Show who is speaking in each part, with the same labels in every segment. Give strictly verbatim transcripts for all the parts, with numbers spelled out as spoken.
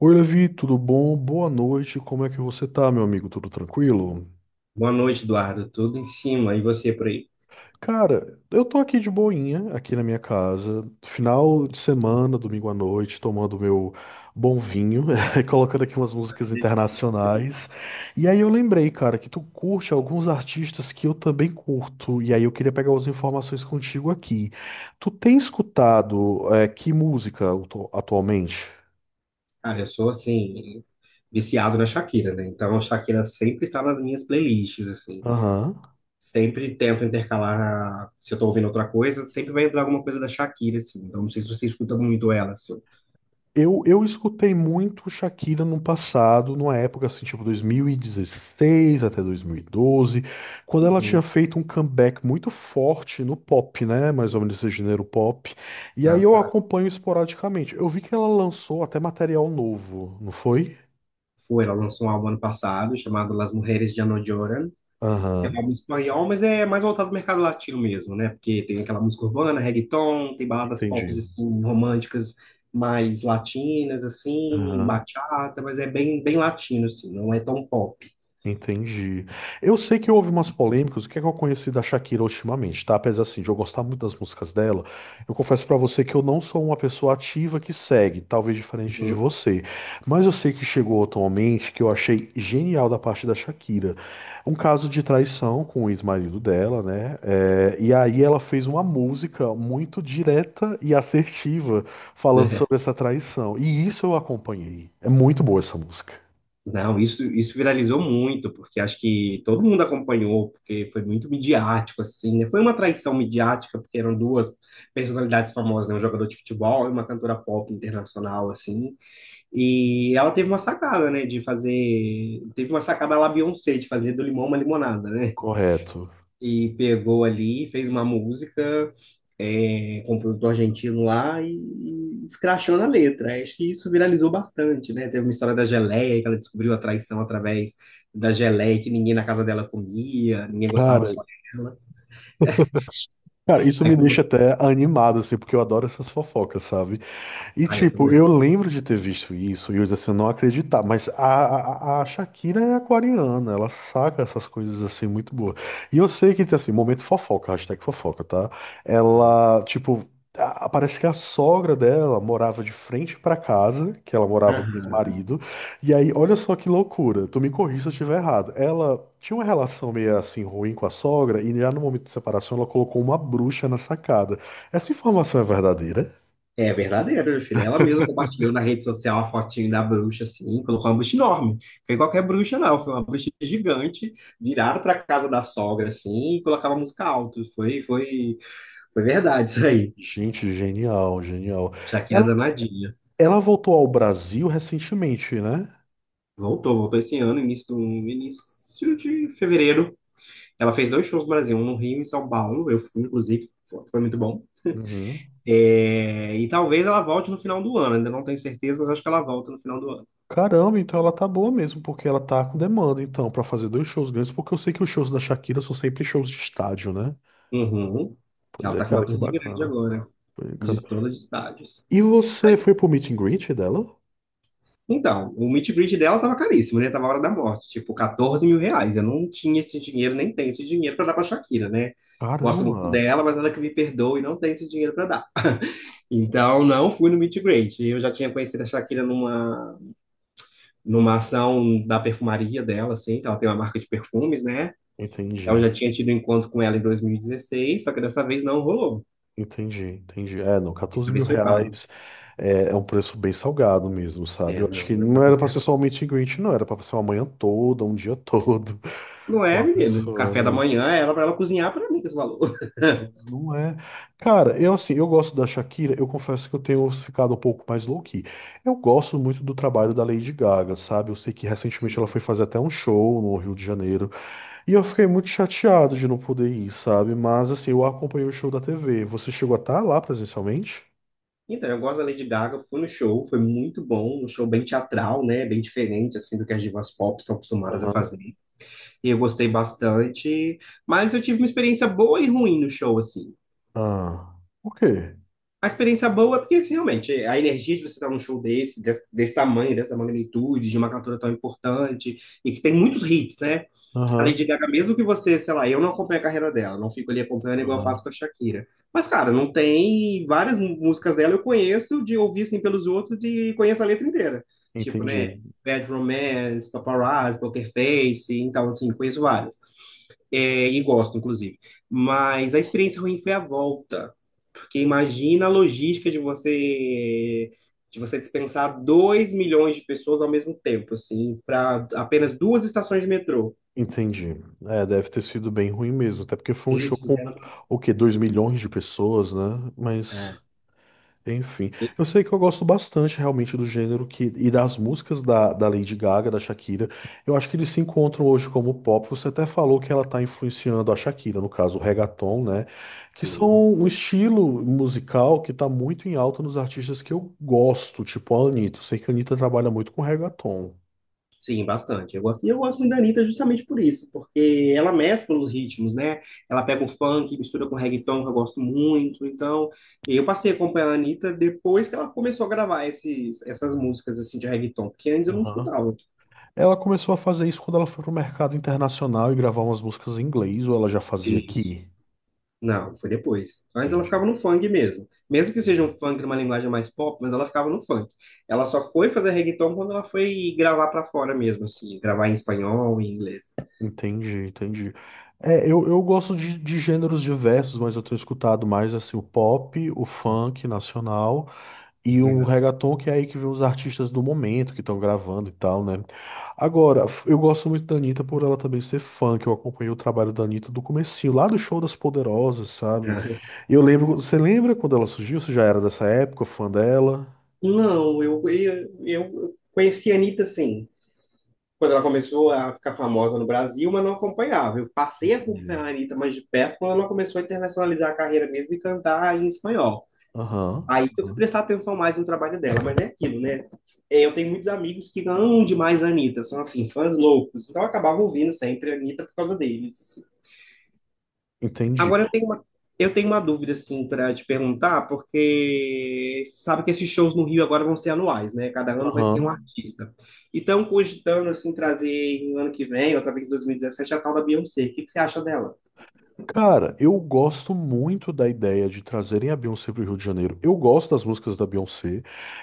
Speaker 1: Oi, Levi, tudo bom? Boa noite. Como é que você tá, meu amigo? Tudo tranquilo?
Speaker 2: Boa noite, Eduardo. Tudo em cima. E você por aí?
Speaker 1: Cara, eu tô aqui de boinha, aqui na minha casa, final de semana, domingo à noite, tomando meu bom vinho, e colocando aqui umas músicas
Speaker 2: Delícia.
Speaker 1: internacionais. E aí eu lembrei, cara, que tu curte alguns artistas que eu também curto, e aí eu queria pegar as informações contigo aqui. Tu tem escutado, eh, que música atu- atualmente?
Speaker 2: Cara, eu sou, assim, viciado na Shakira, né? Então, a Shakira sempre está nas minhas playlists, assim.
Speaker 1: Aham.
Speaker 2: Sempre tento intercalar, se eu tô ouvindo outra coisa, sempre vai entrar alguma coisa da Shakira, assim. Então, não sei se você escuta muito ela, assim.
Speaker 1: Eu, eu escutei muito Shakira no passado, numa época assim, tipo dois mil e dezesseis até dois mil e doze, quando ela tinha
Speaker 2: Uhum.
Speaker 1: feito um comeback muito forte no pop, né? Mais ou menos esse gênero pop. E aí
Speaker 2: Ah,
Speaker 1: eu
Speaker 2: tá.
Speaker 1: acompanho esporadicamente. Eu vi que ela lançou até material novo, não foi?
Speaker 2: Foi, ela lançou um álbum ano passado chamado Las Mujeres Ya No Lloran. É
Speaker 1: Aham,
Speaker 2: um álbum espanhol, mas é mais voltado ao mercado latino mesmo, né? Porque tem aquela música urbana, reggaeton, tem baladas pop
Speaker 1: entendi.
Speaker 2: assim, românticas mais latinas, assim,
Speaker 1: Aham.
Speaker 2: bachata, mas é bem, bem latino, assim, não é tão pop.
Speaker 1: Entendi. Eu sei que houve umas polêmicas, o que é que eu conheci da Shakira ultimamente, tá? Apesar assim, de eu gostar muito das músicas dela, eu confesso pra você que eu não sou uma pessoa ativa que segue, talvez diferente de
Speaker 2: Uhum.
Speaker 1: você. Mas eu sei que chegou atualmente que eu achei genial da parte da Shakira. Um caso de traição com o ex-marido dela, né? É, e aí ela fez uma música muito direta e assertiva falando
Speaker 2: É.
Speaker 1: sobre essa traição. E isso eu acompanhei. É muito boa essa música.
Speaker 2: Não, isso, isso viralizou muito, porque acho que todo mundo acompanhou, porque foi muito midiático, assim, né? Foi uma traição midiática, porque eram duas personalidades famosas, né? Um jogador de futebol e uma cantora pop internacional, assim. E ela teve uma sacada, né, de fazer, teve uma sacada lá Beyoncé, de fazer do limão uma limonada, né?
Speaker 1: Correto.
Speaker 2: E pegou ali, fez uma música é, com um produtor argentino lá e, e escrachou na letra. Acho que isso viralizou bastante, né? Teve uma história da geleia, que ela descobriu a traição através da geleia, que ninguém na casa dela comia, ninguém gostava
Speaker 1: Cara,
Speaker 2: só dela.
Speaker 1: Cara, isso
Speaker 2: Aí
Speaker 1: me
Speaker 2: foi uma.
Speaker 1: deixa até animado, assim, porque eu adoro essas fofocas, sabe? E
Speaker 2: Ah, eu
Speaker 1: tipo, eu
Speaker 2: também.
Speaker 1: lembro de ter visto isso e eu assim, não acreditar, mas a, a, a Shakira é aquariana, ela saca essas coisas assim muito boas. E eu sei que tem assim, momento fofoca, hashtag fofoca, tá? Ela, tipo, a- parece que a sogra dela morava de frente pra casa, que ela morava com o
Speaker 2: Aham.
Speaker 1: ex-marido. E aí, olha só que loucura, tu me corrija se eu estiver errado. Ela tinha uma relação meio assim ruim com a sogra e já no momento de separação ela colocou uma bruxa na sacada. Essa informação é verdadeira?
Speaker 2: É verdadeiro, meu filho. Ela mesma compartilhou na rede social a fotinho da bruxa, assim, colocou uma bruxa enorme. Foi qualquer bruxa, não. Foi uma bruxa gigante, virada para casa da sogra, assim, e colocava música alto. Foi, foi, foi verdade isso aí.
Speaker 1: Gente, genial, genial.
Speaker 2: Shakira
Speaker 1: Ela,
Speaker 2: danadinha.
Speaker 1: ela voltou ao Brasil recentemente, né?
Speaker 2: Voltou, voltou esse ano, início, do- início de fevereiro. Ela fez dois shows no Brasil, um no Rio e em São Paulo. Eu fui, inclusive, foi muito bom.
Speaker 1: Uhum.
Speaker 2: É, e talvez ela volte no final do ano. Ainda não tenho certeza, mas acho que ela volta no final do ano.
Speaker 1: Caramba, então ela tá boa mesmo, porque ela tá com demanda, então, pra fazer dois shows grandes, porque eu sei que os shows da Shakira são sempre shows de estádio, né?
Speaker 2: Uhum.
Speaker 1: Pois
Speaker 2: Ela
Speaker 1: é,
Speaker 2: tá com uma
Speaker 1: cara, que
Speaker 2: turnê grande
Speaker 1: bacana.
Speaker 2: agora,
Speaker 1: Bacana.
Speaker 2: de todos os estádios.
Speaker 1: E você
Speaker 2: Mas,
Speaker 1: foi pro meet and greet dela?
Speaker 2: então, o meet and greet dela tava caríssimo, né? Tava a hora da morte, tipo, quatorze mil reais mil reais. Eu não tinha esse dinheiro, nem tenho esse dinheiro para dar pra Shakira, né? Gosto muito
Speaker 1: Caramba,
Speaker 2: dela, mas ela que me perdoa e não tem esse dinheiro para dar. Então, não fui no meet and greet. Eu já tinha conhecido a Shakira numa, numa ação da perfumaria dela, assim, que ela tem uma marca de perfumes, né? Então, eu
Speaker 1: entendi,
Speaker 2: já tinha tido um encontro com ela em dois mil e dezesseis, só que dessa vez não rolou.
Speaker 1: entendi, entendi. É, não, quatorze mil
Speaker 2: Talvez foi pago.
Speaker 1: reais é, é um preço bem salgado mesmo, sabe?
Speaker 2: É,
Speaker 1: Eu acho
Speaker 2: não,
Speaker 1: que
Speaker 2: não é
Speaker 1: não
Speaker 2: pra
Speaker 1: era pra
Speaker 2: qualquer
Speaker 1: ser
Speaker 2: um.
Speaker 1: só um meet and greet, não, era pra ser uma manhã toda, um dia todo.
Speaker 2: Não
Speaker 1: Com
Speaker 2: é,
Speaker 1: a
Speaker 2: menino.
Speaker 1: pessoa,
Speaker 2: Café da
Speaker 1: mas,
Speaker 2: manhã era pra ela cozinhar pra mim, com esse valor.
Speaker 1: mas não é. Cara, eu assim, eu gosto da Shakira, eu confesso que eu tenho ficado um pouco mais low-key. Eu gosto muito do trabalho da Lady Gaga, sabe? Eu sei que recentemente ela
Speaker 2: Sim.
Speaker 1: foi fazer até um show no Rio de Janeiro, e eu fiquei muito chateado de não poder ir, sabe? Mas assim, eu acompanhei o show da T V. Você chegou a estar lá presencialmente?
Speaker 2: Então, eu gosto da Lady Gaga, fui no show, foi muito bom, um show bem teatral, né, bem diferente, assim, do que as divas pop estão acostumadas a
Speaker 1: Aham.
Speaker 2: fazer, e eu gostei bastante, mas eu tive uma experiência boa e ruim no show, assim.
Speaker 1: Ah, o quê?
Speaker 2: A experiência boa é porque, assim, realmente, a energia de você estar num show desse, desse, desse tamanho, dessa magnitude, de uma cantora tão importante, e que tem muitos hits, né. A Lady
Speaker 1: Aham,
Speaker 2: Gaga, mesmo que você, sei lá, eu não acompanho a carreira dela, não fico ali acompanhando igual eu faço
Speaker 1: aham,
Speaker 2: com a Shakira. Mas, cara, não tem. Várias mú- músicas dela eu conheço de ouvir assim pelos outros e conheço a letra inteira. Tipo,
Speaker 1: entendi.
Speaker 2: né? Bad Romance, Paparazzi, Poker Face, então, assim, conheço várias. É, e gosto, inclusive. Mas a experiência ruim foi a volta, porque imagina a logística de você de você dispensar dois milhões de pessoas ao mesmo tempo, assim, para apenas duas estações de metrô.
Speaker 1: Entendi. É, deve ter sido bem ruim mesmo, até porque foi um show
Speaker 2: Eles
Speaker 1: com
Speaker 2: fizeram.
Speaker 1: o quê? Dois milhões de pessoas, né? Mas,
Speaker 2: É,
Speaker 1: enfim.
Speaker 2: e-
Speaker 1: Eu sei que eu gosto bastante realmente do gênero que, e das músicas da, da Lady Gaga, da Shakira. Eu acho que eles se encontram hoje como pop. Você até falou que ela está influenciando a Shakira, no caso, o reggaeton, né? Que
Speaker 2: sim,
Speaker 1: são um estilo musical que está muito em alta nos artistas que eu gosto, tipo a Anitta. Eu sei que a Anitta trabalha muito com reggaeton.
Speaker 2: sim, bastante. Eu gosto, e eu gosto muito da Anitta justamente por isso, porque ela mescla os ritmos, né? Ela pega o funk, mistura com reggaeton, que eu gosto muito. Então, eu passei a acompanhar a Anitta depois que ela começou a gravar esses, essas músicas assim de reggaeton, porque antes eu não escutava
Speaker 1: Ela começou a fazer isso quando ela foi pro mercado internacional e gravar umas músicas em inglês, ou ela já fazia
Speaker 2: isso.
Speaker 1: aqui?
Speaker 2: Não, foi depois. Antes ela ficava
Speaker 1: Entendi,
Speaker 2: no funk mesmo. Mesmo que seja um
Speaker 1: entendi.
Speaker 2: funk numa linguagem mais pop, mas ela ficava no funk. Ela só foi fazer reggaeton quando ela foi gravar pra fora mesmo, assim, gravar em espanhol, em inglês.
Speaker 1: Entendi, entendi. É, eu, eu gosto de, de gêneros diversos, mas eu tenho escutado mais assim o pop, o funk nacional e o
Speaker 2: Legal.
Speaker 1: reggaeton, que é aí que vem os artistas do momento que estão gravando e tal, né? Agora, f- eu gosto muito da Anitta por ela também ser funk. Eu acompanhei o trabalho da Anitta do comecinho, lá do Show das Poderosas, sabe? Eu lembro, você lembra quando ela surgiu? Você já era dessa época, fã dela?
Speaker 2: Não, eu, eu, eu conheci a Anitta, sim. Quando ela começou a ficar famosa no Brasil, mas não acompanhava. Eu passei a acompanhar
Speaker 1: Entendi.
Speaker 2: a Anitta mais de perto quando ela começou a internacionalizar a carreira mesmo e cantar em espanhol.
Speaker 1: Aham.
Speaker 2: Aí que eu fui
Speaker 1: Aham,
Speaker 2: prestar atenção mais no trabalho dela, mas é aquilo, né? É, Eu tenho muitos amigos que amam demais a Anitta, são assim, fãs loucos. Então eu acabava ouvindo sempre a Anitta por causa deles, assim.
Speaker 1: entendi.
Speaker 2: Agora eu tenho uma, eu tenho uma dúvida assim para te perguntar, porque sabe que esses shows no Rio agora vão ser anuais, né? Cada ano vai ser um
Speaker 1: Aham.
Speaker 2: artista. Então cogitando assim trazer no ano que vem, ou talvez em dois mil e dezessete a tal da Beyoncé. O que que você acha dela?
Speaker 1: Cara, eu gosto muito da ideia de trazerem a Beyoncé pro Rio de Janeiro. Eu gosto das músicas da Beyoncé.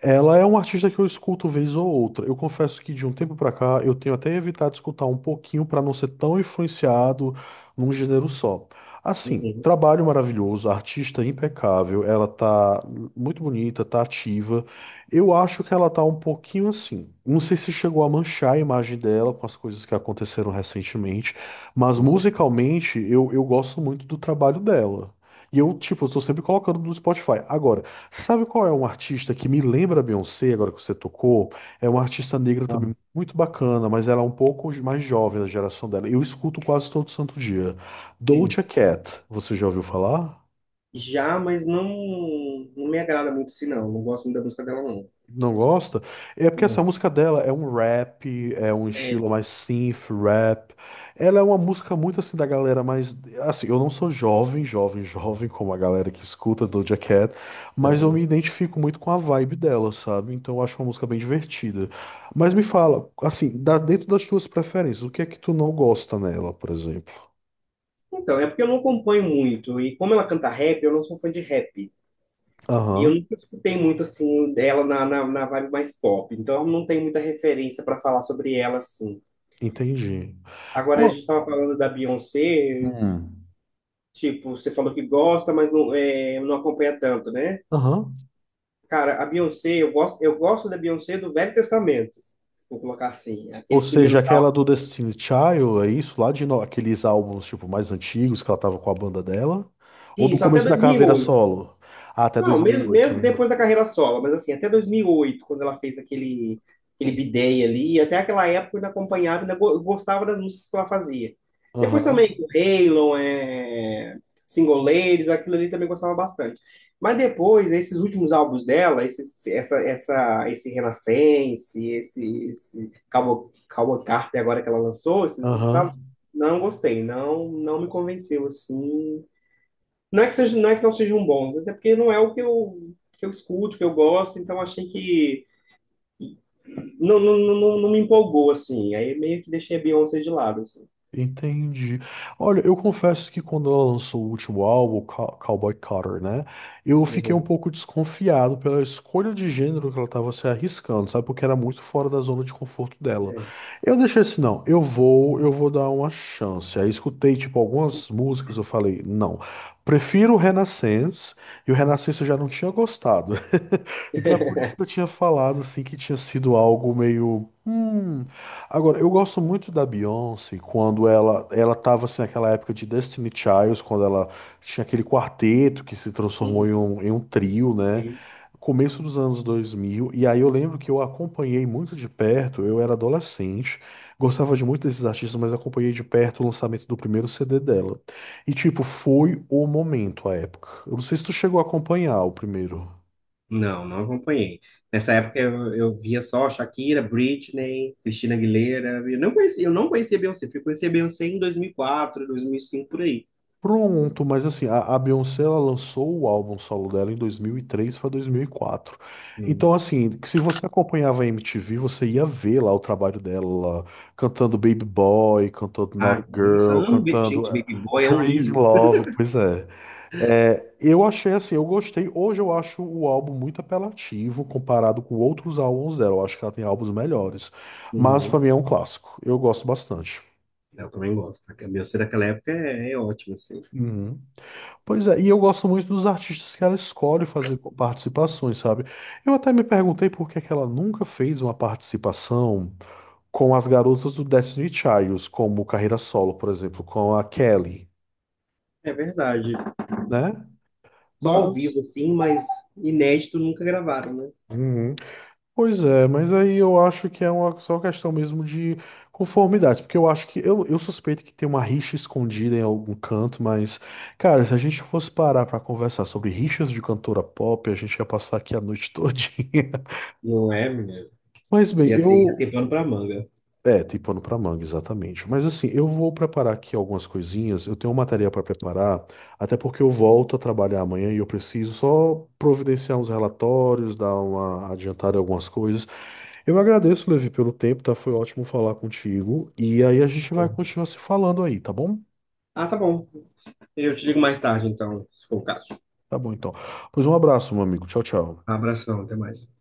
Speaker 1: Ela é uma artista que eu escuto vez ou outra. Eu confesso que de um tempo pra cá eu tenho até evitado escutar um pouquinho pra não ser tão influenciado num gênero só. Assim,
Speaker 2: Uhum.
Speaker 1: trabalho maravilhoso, artista impecável, ela tá muito bonita, tá ativa. Eu acho que ela tá um pouquinho assim. Não sei se chegou a manchar a imagem dela com as coisas que aconteceram recentemente. Mas
Speaker 2: Isso.
Speaker 1: musicalmente, eu, eu gosto muito do trabalho dela. E eu, tipo, estou sempre colocando no Spotify. Agora, sabe qual é um artista que me lembra a Beyoncé, agora que você tocou? É uma artista negra
Speaker 2: Ah,
Speaker 1: também muito bacana, mas ela é um pouco mais jovem da geração dela. Eu escuto quase todo santo dia.
Speaker 2: sim.
Speaker 1: Doja Cat, você já ouviu falar?
Speaker 2: Já, mas não, não me agrada muito assim, não. Não gosto muito da música dela, não.
Speaker 1: Não gosta? É porque essa
Speaker 2: Não.
Speaker 1: música dela é um rap, é um estilo
Speaker 2: É.
Speaker 1: mais synth rap. Ela é uma música muito assim da galera mais. Assim, eu não sou jovem, jovem, jovem, como a galera que escuta Doja Cat, mas eu me identifico muito com a vibe dela, sabe? Então eu acho uma música bem divertida. Mas me fala, assim, dá dentro das tuas preferências, o que é que tu não gosta nela, por exemplo?
Speaker 2: Então, é porque eu não acompanho muito. E como ela canta rap, eu não sou fã de rap. E
Speaker 1: Aham,
Speaker 2: eu nunca escutei muito assim dela na, na, na vibe mais pop, então não tem muita referência para falar sobre ela assim.
Speaker 1: entendi.
Speaker 2: Agora a
Speaker 1: Pô,
Speaker 2: gente estava falando da Beyoncé,
Speaker 1: hum.
Speaker 2: tipo, você falou que gosta, mas não, é, não acompanha tanto, né?
Speaker 1: Aham.
Speaker 2: Cara, a Beyoncé, eu gosto, eu gosto da Beyoncé do Velho Testamento, vou colocar assim,
Speaker 1: Ou
Speaker 2: aqueles primeiros
Speaker 1: seja, aquela
Speaker 2: tal.
Speaker 1: do Destiny Child, é isso? Lá de no- aqueles álbuns tipo mais antigos que ela tava com a banda dela? Ou do
Speaker 2: Isso, até
Speaker 1: começo da carreira
Speaker 2: dois mil e oito.
Speaker 1: solo? Ah, até
Speaker 2: Não, mesmo,
Speaker 1: dois mil e oito,
Speaker 2: mesmo
Speaker 1: né?
Speaker 2: depois da carreira solo, mas assim, até dois mil e oito quando ela fez aquele, aquele bidei ali, até aquela época eu ainda acompanhava, ainda go- gostava das músicas que ela fazia. Depois também
Speaker 1: Aham.
Speaker 2: com Halon, é, Single Ladies, aquilo ali também gostava bastante. Mas depois, esses últimos álbuns dela, esse, essa, essa, esse Renascense, esse, esse Cowboy, Cowboy Carter agora que ela lançou, esses últimos álbuns,
Speaker 1: Aham.
Speaker 2: não gostei, não, não me convenceu assim. Não é que seja, não é que não sejam bons, mas é porque não é o que eu, que eu escuto, que eu gosto, então achei que não, não, não, não me empolgou, assim. Aí meio que deixei a Beyoncé de lado, assim.
Speaker 1: Entendi. Olha, eu confesso que quando ela lançou o último álbum, Cow- Cowboy Carter, né? Eu fiquei um
Speaker 2: Uhum.
Speaker 1: pouco desconfiado pela escolha de gênero que ela estava se arriscando, sabe? Porque era muito fora da zona de conforto dela.
Speaker 2: É.
Speaker 1: Eu deixei assim, não, eu vou, eu vou dar uma chance. Aí escutei, tipo, algumas músicas, eu falei, não, prefiro o Renaissance, e o Renaissance eu já não tinha gostado. Então é por isso que eu tinha falado assim que tinha sido algo meio. Hum. Agora, eu gosto muito da Beyoncé quando ela ela tava assim naquela época de Destiny Child, quando ela tinha aquele quarteto que se transformou em
Speaker 2: Uhum.
Speaker 1: um, em um trio, né? Começo dos anos dois mil e aí eu lembro que eu acompanhei muito de perto, eu era adolescente, gostava de muito desses artistas, mas acompanhei de perto o lançamento do primeiro C D dela. E tipo, foi o momento, a época. Eu não sei se tu chegou a acompanhar o primeiro.
Speaker 2: Não, não acompanhei. Nessa época eu, eu via só Shakira, Britney, Christina Aguilera. Eu não conhecia, eu não conhecia Beyoncé. Fui conhecer Beyoncé em dois mil e quatro, dois mil e cinco, por aí.
Speaker 1: Pronto, mas assim, a, a Beyoncé ela lançou o álbum solo dela em dois mil e três para dois mil e quatro. Então,
Speaker 2: Hum.
Speaker 1: assim, que se você acompanhava a M T V, você ia ver lá o trabalho dela cantando Baby Boy, cantando Naughty
Speaker 2: Ah, nossa,
Speaker 1: Girl,
Speaker 2: amo, Ba-
Speaker 1: cantando
Speaker 2: gente,
Speaker 1: eh,
Speaker 2: Baby Boy é um
Speaker 1: Crazy
Speaker 2: hino.
Speaker 1: Love. Pois é. É, eu achei assim, eu gostei. Hoje eu acho o álbum muito apelativo comparado com outros álbuns dela. Eu acho que ela tem álbuns melhores. Mas
Speaker 2: Uhum.
Speaker 1: para mim é um clássico. Eu gosto bastante.
Speaker 2: Eu também gosto. A Beyoncé daquela época é, é ótima, assim.
Speaker 1: Uhum. Pois é, e eu gosto muito dos artistas que ela escolhe fazer co- participações, sabe? Eu até me perguntei por que que ela nunca fez uma participação com as garotas do Destiny Childs, como carreira solo, por exemplo, com a Kelly,
Speaker 2: É verdade.
Speaker 1: né?
Speaker 2: Só ao vivo,
Speaker 1: Mas.
Speaker 2: assim, mas inédito nunca gravaram, né?
Speaker 1: Uhum. Pois é, mas aí eu acho que é uma só questão mesmo de conformidade, porque eu acho que. Eu, eu suspeito que tem uma rixa escondida em algum canto, mas. Cara, se a gente fosse parar pra conversar sobre rixas de cantora pop, a gente ia passar aqui a noite todinha.
Speaker 2: Não é, menina?
Speaker 1: Mas bem,
Speaker 2: Ia ser, ia ter
Speaker 1: eu.
Speaker 2: pano pra manga.
Speaker 1: É, tem pano pra manga, exatamente. Mas assim, eu vou preparar aqui algumas coisinhas. Eu tenho uma tarefa para preparar, até porque eu volto a trabalhar amanhã e eu preciso só providenciar uns relatórios, dar uma adiantada em algumas coisas. Eu agradeço, Levi, pelo tempo, tá? Foi ótimo falar contigo. E aí a gente vai
Speaker 2: Show.
Speaker 1: continuar se falando aí, tá bom?
Speaker 2: Ah, tá bom. Eu te ligo mais tarde, então, se for o caso.
Speaker 1: Tá bom, então. Pois um abraço, meu amigo. Tchau, tchau.
Speaker 2: Abração, até mais.